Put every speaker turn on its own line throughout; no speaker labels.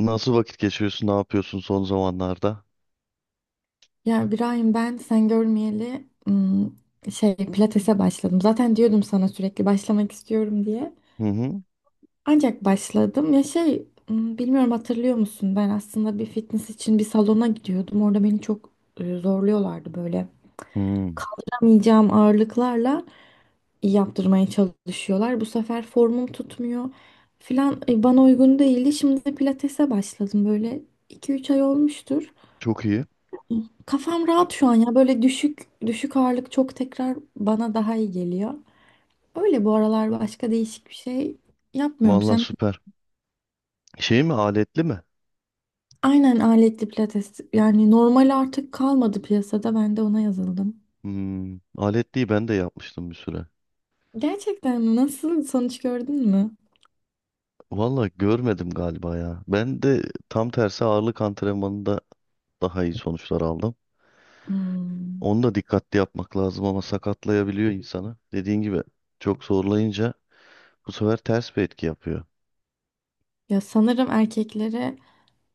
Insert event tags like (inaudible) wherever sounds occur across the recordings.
Nasıl vakit geçiriyorsun? Ne yapıyorsun son zamanlarda?
Ya İbrahim, ben sen görmeyeli ım, şey pilatese başladım. Zaten diyordum sana, sürekli başlamak istiyorum diye.
Hı hı.
Ancak başladım. Ya, bilmiyorum, hatırlıyor musun? Ben aslında bir fitness için bir salona gidiyordum. Orada beni çok zorluyorlardı böyle.
Hmm.
Kaldıramayacağım ağırlıklarla yaptırmaya çalışıyorlar. Bu sefer formum tutmuyor filan, bana uygun değildi. Şimdi de pilatese başladım. Böyle 2-3 ay olmuştur.
Çok iyi.
Kafam rahat şu an ya. Böyle düşük düşük ağırlık çok tekrar bana daha iyi geliyor. Öyle, bu aralar başka değişik bir şey yapmıyorum.
Vallahi
Sen.
süper. Şey mi? Aletli mi?
Aynen, aletli pilates yani, normal artık kalmadı piyasada. Ben de ona yazıldım.
Hmm. Aletliyi ben de yapmıştım bir süre.
Gerçekten mi? Nasıl, sonuç gördün mü?
Vallahi görmedim galiba ya. Ben de tam tersi ağırlık antrenmanında daha iyi sonuçlar aldım.
Hmm.
Onu da dikkatli yapmak lazım ama sakatlayabiliyor insanı. Dediğin gibi çok zorlayınca bu sefer ters bir etki yapıyor.
Ya sanırım erkeklere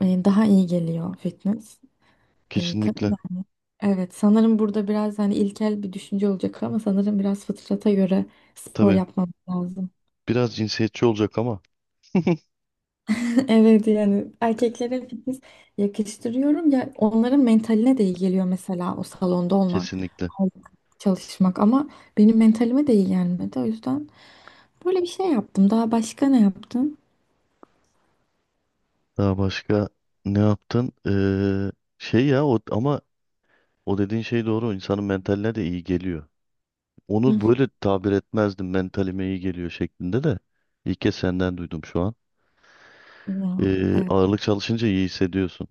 daha iyi geliyor fitness. E,
Kesinlikle.
kadınlar- evet, sanırım burada biraz hani ilkel bir düşünce olacak ama sanırım biraz fıtrata göre spor
Tabii
yapmamız lazım.
biraz cinsiyetçi olacak ama
Evet, yani erkeklere fitness yakıştırıyorum ya, onların mentaline de iyi geliyor, mesela o salonda olmak,
kesinlikle.
çalışmak, ama benim mentalime de iyi gelmedi. O yüzden böyle bir şey yaptım. Daha başka ne yaptım?
Daha başka ne yaptın? Şey ya, o ama o dediğin şey doğru. İnsanın mentaline de iyi geliyor. Onu
Hı.
böyle tabir etmezdim. Mentalime iyi geliyor şeklinde de. İlk kez senden duydum şu an.
Ya evet,
Ağırlık çalışınca iyi hissediyorsun.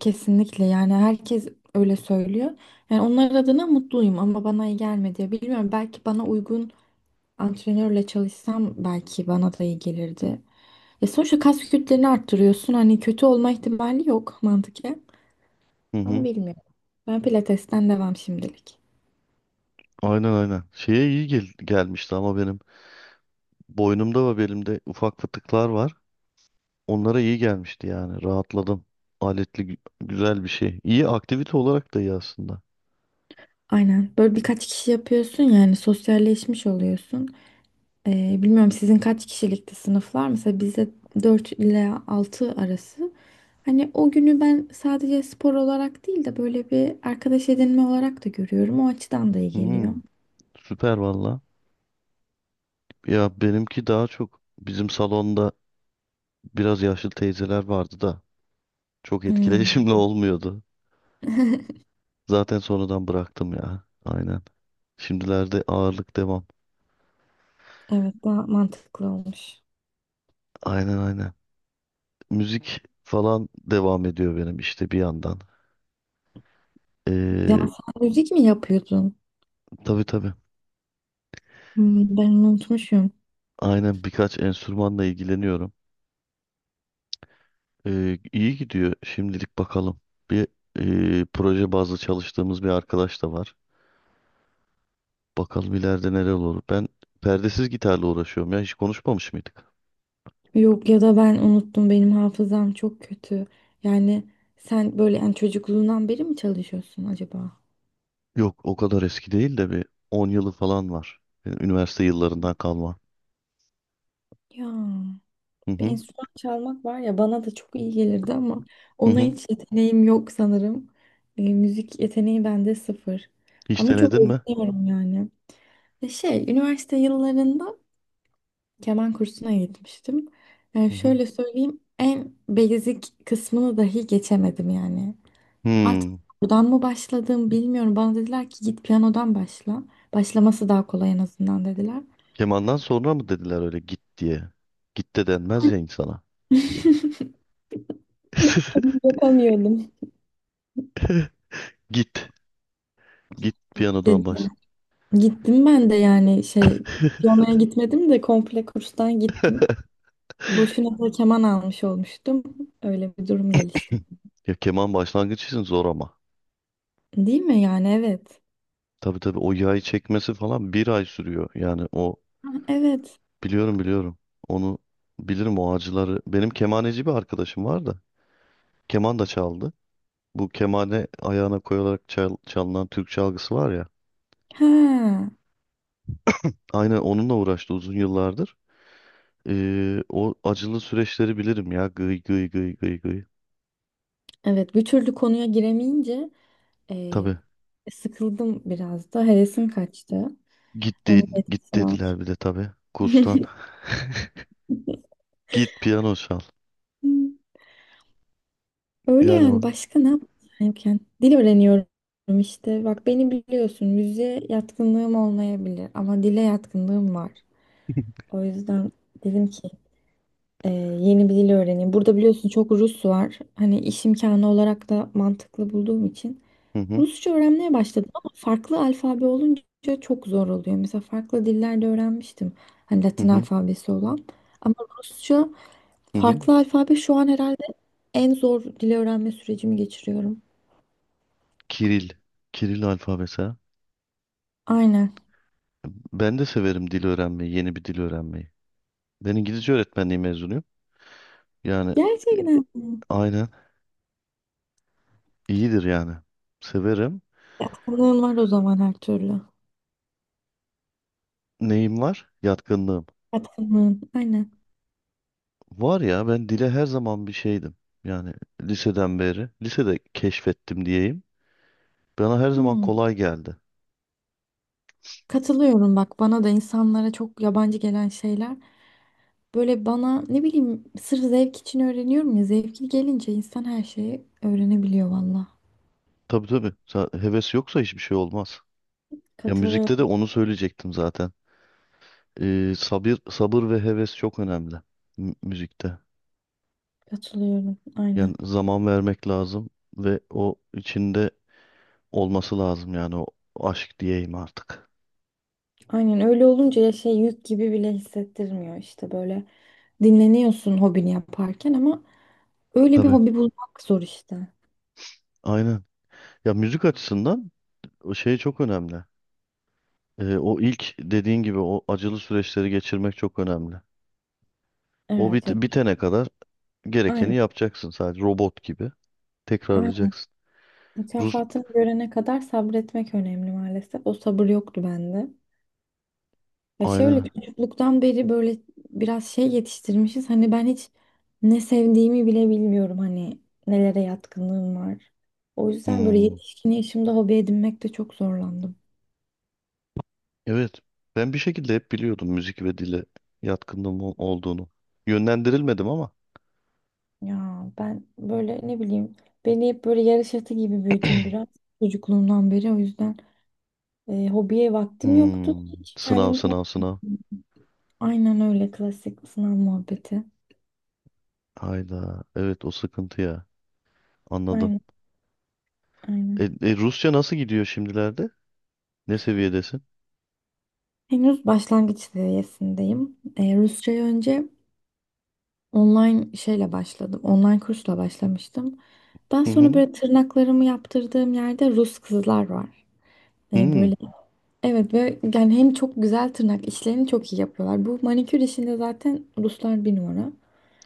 kesinlikle, yani herkes öyle söylüyor. Yani onlar adına mutluyum ama bana iyi gelmedi. Bilmiyorum, belki bana uygun antrenörle çalışsam belki bana da iyi gelirdi. Ya sonuçta kas kütlelerini arttırıyorsun. Hani kötü olma ihtimali yok mantıken.
Hı
Ama
hı.
bilmiyorum. Ben pilatesten devam şimdilik.
Aynen, aynen. Şeye iyi gelmişti ama benim boynumda ve belimde ufak fıtıklar var. Onlara iyi gelmişti yani. Rahatladım. Aletli güzel bir şey. İyi aktivite olarak da iyi aslında.
Aynen. Böyle birkaç kişi yapıyorsun, yani sosyalleşmiş oluyorsun. Bilmiyorum, sizin kaç kişilikti sınıflar? Mesela bizde 4 ile 6 arası. Hani o günü ben sadece spor olarak değil de böyle bir arkadaş edinme olarak da görüyorum. O açıdan da iyi geliyor.
Hı, süper valla. Ya benimki daha çok bizim salonda biraz yaşlı teyzeler vardı da çok
Hmm,
etkileşimli (laughs) olmuyordu. Zaten sonradan bıraktım ya. Aynen. Şimdilerde ağırlık devam.
evet, daha mantıklı olmuş.
Aynen, aynen. Müzik falan devam ediyor benim işte bir yandan.
Ya
Ee,
sen müzik mi yapıyordun?
tabii, tabii.
Hmm, ben onu unutmuşum.
Aynen, birkaç enstrümanla ilgileniyorum. İyi gidiyor şimdilik bakalım. Bir proje bazlı çalıştığımız bir arkadaş da var. Bakalım ileride neler olur. Ben perdesiz gitarla uğraşıyorum ya. Hiç konuşmamış mıydık?
Yok, ya da ben unuttum, benim hafızam çok kötü. Yani sen böyle, yani çocukluğundan beri mi çalışıyorsun acaba?
Yok, o kadar eski değil de bir 10 yılı falan var. Yani üniversite yıllarından kalma.
Ya,
Hı
bir
hı,
enstrüman çalmak var ya, bana da çok iyi gelirdi ama
hı
ona
hı.
hiç yeteneğim yok sanırım. Müzik yeteneği bende sıfır.
Hiç
Ama çok
denedin mi?
özeniyorum yani. Üniversite yıllarında keman kursuna gitmiştim. Yani
Hı hı.
şöyle söyleyeyim, en basic kısmını dahi geçemedim yani. Artık
Hmm.
buradan mı başladım bilmiyorum. Bana dediler ki, git piyanodan başla. Başlaması daha kolay en azından, dediler.
Kemandan sonra mı dediler öyle git diye? Git de denmez ya insana.
Ama
(laughs)
yapamıyordum.
Git. Git piyanodan
Dedi.
baş.
Gittim ben de yani,
(laughs)
piyanoya gitmedim de komple kurstan gittim. Boşuna da keman almış olmuştum. Öyle bir durum gelişti.
Ya keman başlangıç için zor ama.
Değil mi yani? Evet.
Tabii, tabii, o yayı çekmesi falan bir ay sürüyor. Yani o
Ha, evet.
biliyorum, biliyorum. Onu bilirim, o acıları. Benim kemaneci bir arkadaşım var da. Keman da çaldı. Bu kemane ayağına koyarak çalınan Türk çalgısı var ya.
Ha.
Aynen, onunla uğraştı uzun yıllardır. O acılı süreçleri bilirim ya. Gıy gıy gıy gıy gıy.
Evet, bir türlü konuya giremeyince e,
Tabii.
sıkıldım, biraz da hevesim kaçtı.
Git,
Onun
de-
da
git
etkisi var.
dediler bir de tabii. Kurstan. Git piyano çal.
(laughs) Öyle
Yani o.
yani, başka ne yapayım? Dil öğreniyorum işte. Bak, beni biliyorsun, müziğe yatkınlığım olmayabilir ama dile yatkınlığım var.
(laughs)
O yüzden dedim ki, yeni bir dil öğreneyim. Burada biliyorsun, çok Rus var. Hani iş imkanı olarak da mantıklı bulduğum için
Hı hı,
Rusça öğrenmeye başladım ama farklı alfabe olunca çok zor oluyor. Mesela farklı dillerde öğrenmiştim. Hani
hı
Latin
hı,
alfabesi olan. Ama Rusça
hı. Hı.
farklı alfabe, şu an herhalde en zor dil öğrenme sürecimi geçiriyorum.
Kiril. Kiril alfabesi. Ha.
Aynen.
Ben de severim dil öğrenmeyi, yeni bir dil öğrenmeyi. Ben İngilizce öğretmenliği mezunuyum. Yani,
Gerçekten mi?
aynen, iyidir yani. Severim.
Yatkınlığın var o zaman, her türlü.
Neyim var? Yatkınlığım.
Yatkınlığın. Aynen.
Var ya, ben dile her zaman bir şeydim. Yani liseden beri. Lisede keşfettim diyeyim. Bana her zaman
Hmm.
kolay geldi.
Katılıyorum, bak, bana da insanlara çok yabancı gelen şeyler. Böyle bana, ne bileyim, sırf zevk için öğreniyorum ya. Zevkli gelince insan her şeyi öğrenebiliyor valla.
Tabii, tabii. Heves yoksa hiçbir şey olmaz. Ya müzikte de
Katılıyorum.
onu söyleyecektim zaten. Sabır, sabır ve heves çok önemli müzikte.
Katılıyorum. Aynen.
Yani zaman vermek lazım ve o içinde olması lazım, yani o aşk diyeyim artık.
Aynen, öyle olunca ya, yük gibi bile hissettirmiyor işte böyle. Dinleniyorsun hobini yaparken ama öyle bir
Tabii.
hobi bulmak zor işte.
Aynen. Ya müzik açısından o şey çok önemli. O ilk dediğin gibi, o acılı süreçleri geçirmek çok önemli. O
Evet.
bit bitene kadar gerekeni
Aynen.
yapacaksın, sadece robot gibi. Tekrarlayacaksın. Rus
Mükafatını görene kadar sabretmek önemli maalesef. O sabır yoktu bende. Ya şöyle,
aynen.
çocukluktan beri böyle biraz yetiştirmişiz. Hani ben hiç ne sevdiğimi bile bilmiyorum. Hani nelere yatkınlığım var. O yüzden böyle
Hmm.
yetişkin yaşımda hobi edinmekte çok zorlandım.
Evet. Ben bir şekilde hep biliyordum müzik ve dile yatkınlığım olduğunu. Yönlendirilmedim ama.
Ya ben böyle, ne bileyim, beni hep böyle yarış atı gibi büyüdüm biraz, çocukluğumdan beri. O yüzden hobiye vaktim yoktu.
Hmm.
Hiç
Sınav,
kendimi
sınav,
(laughs)
sınav.
Aynen, öyle klasik sınav muhabbeti.
Hayda. Evet, o sıkıntı ya. Anladım.
Aynen. Aynen.
Rusça nasıl gidiyor şimdilerde? Ne seviyedesin?
Henüz başlangıç seviyesindeyim. Rusçayı önce online şeyle başladım. Online kursla başlamıştım. Daha
Hı
sonra
hı.
böyle, tırnaklarımı yaptırdığım yerde Rus kızlar var.
Hmm.
Böyle evet, ve yani hem çok güzel, tırnak işlerini çok iyi yapıyorlar. Bu manikür işinde zaten Ruslar bir numara.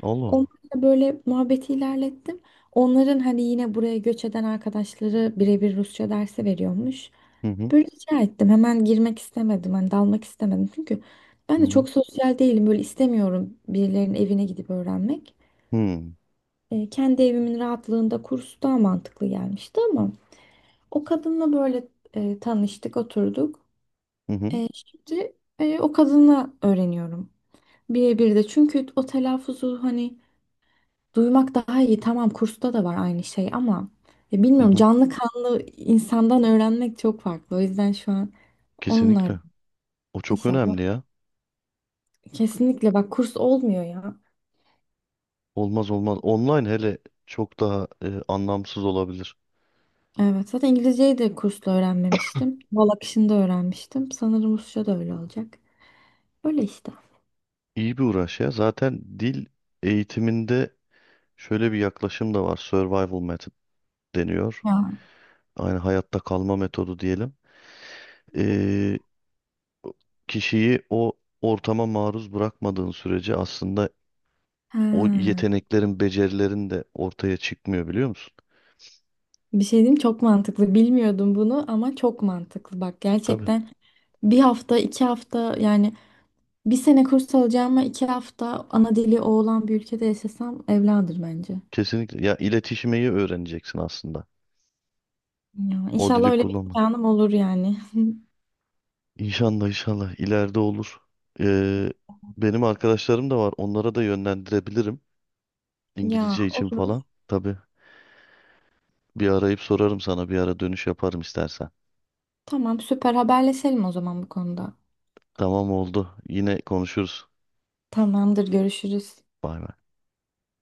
Allah Allah.
Onlarla böyle muhabbeti ilerlettim. Onların hani yine buraya göç eden arkadaşları birebir Rusça dersi veriyormuş.
Hı hı.
Böyle rica ettim. Hemen girmek istemedim. Hani dalmak istemedim. Çünkü ben
Hı
de
hı.
çok sosyal değilim. Böyle istemiyorum birilerinin evine gidip öğrenmek.
Hmm.
Kendi evimin rahatlığında kurs daha mantıklı gelmişti ama o kadınla böyle tanıştık, oturduk.
Hı hı.
Şimdi o kadınla öğreniyorum. Birebir de. Çünkü o telaffuzu, hani duymak daha iyi. Tamam, kursta da var aynı şey ama ya
Hı
bilmiyorum,
hı.
canlı kanlı insandan öğrenmek çok farklı. O yüzden şu an onlar
Kesinlikle. O çok
inşallah.
önemli ya.
Kesinlikle, bak, kurs olmuyor ya.
Olmaz, olmaz. Online hele çok daha anlamsız olabilir.
Evet, zaten İngilizceyi de kursla öğrenmemiştim. Bal akışında öğrenmiştim. Sanırım Rusça da öyle olacak. Öyle işte.
İyi bir uğraş ya. Zaten dil eğitiminde şöyle bir yaklaşım da var. Survival method deniyor.
Ya.
Aynı hayatta kalma metodu diyelim. E, Kişiyi o ortama maruz bırakmadığın sürece aslında o
Ha.
yeteneklerin, becerilerin de ortaya çıkmıyor, biliyor musun?
Bir şey diyeyim, çok mantıklı. Bilmiyordum bunu ama çok mantıklı. Bak
Tabii.
gerçekten, bir hafta 2 hafta yani, bir sene kurs alacağıma 2 hafta ana dili o olan bir ülkede yaşasam evladır bence.
Kesinlikle. Ya iletişimeyi öğreneceksin aslında.
Ya,
O
inşallah
dili
öyle bir
kullanma.
imkanım olur yani.
İnşallah, inşallah ileride olur. Ee, Benim arkadaşlarım da var. Onlara da yönlendirebilirim.
(laughs) Ya,
İngilizce için falan.
olur.
Tabii, bir arayıp sorarım sana. Bir ara dönüş yaparım istersen.
Tamam, süper, haberleşelim o zaman bu konuda.
Tamam oldu. Yine konuşuruz.
Tamamdır, görüşürüz.
Bay bay.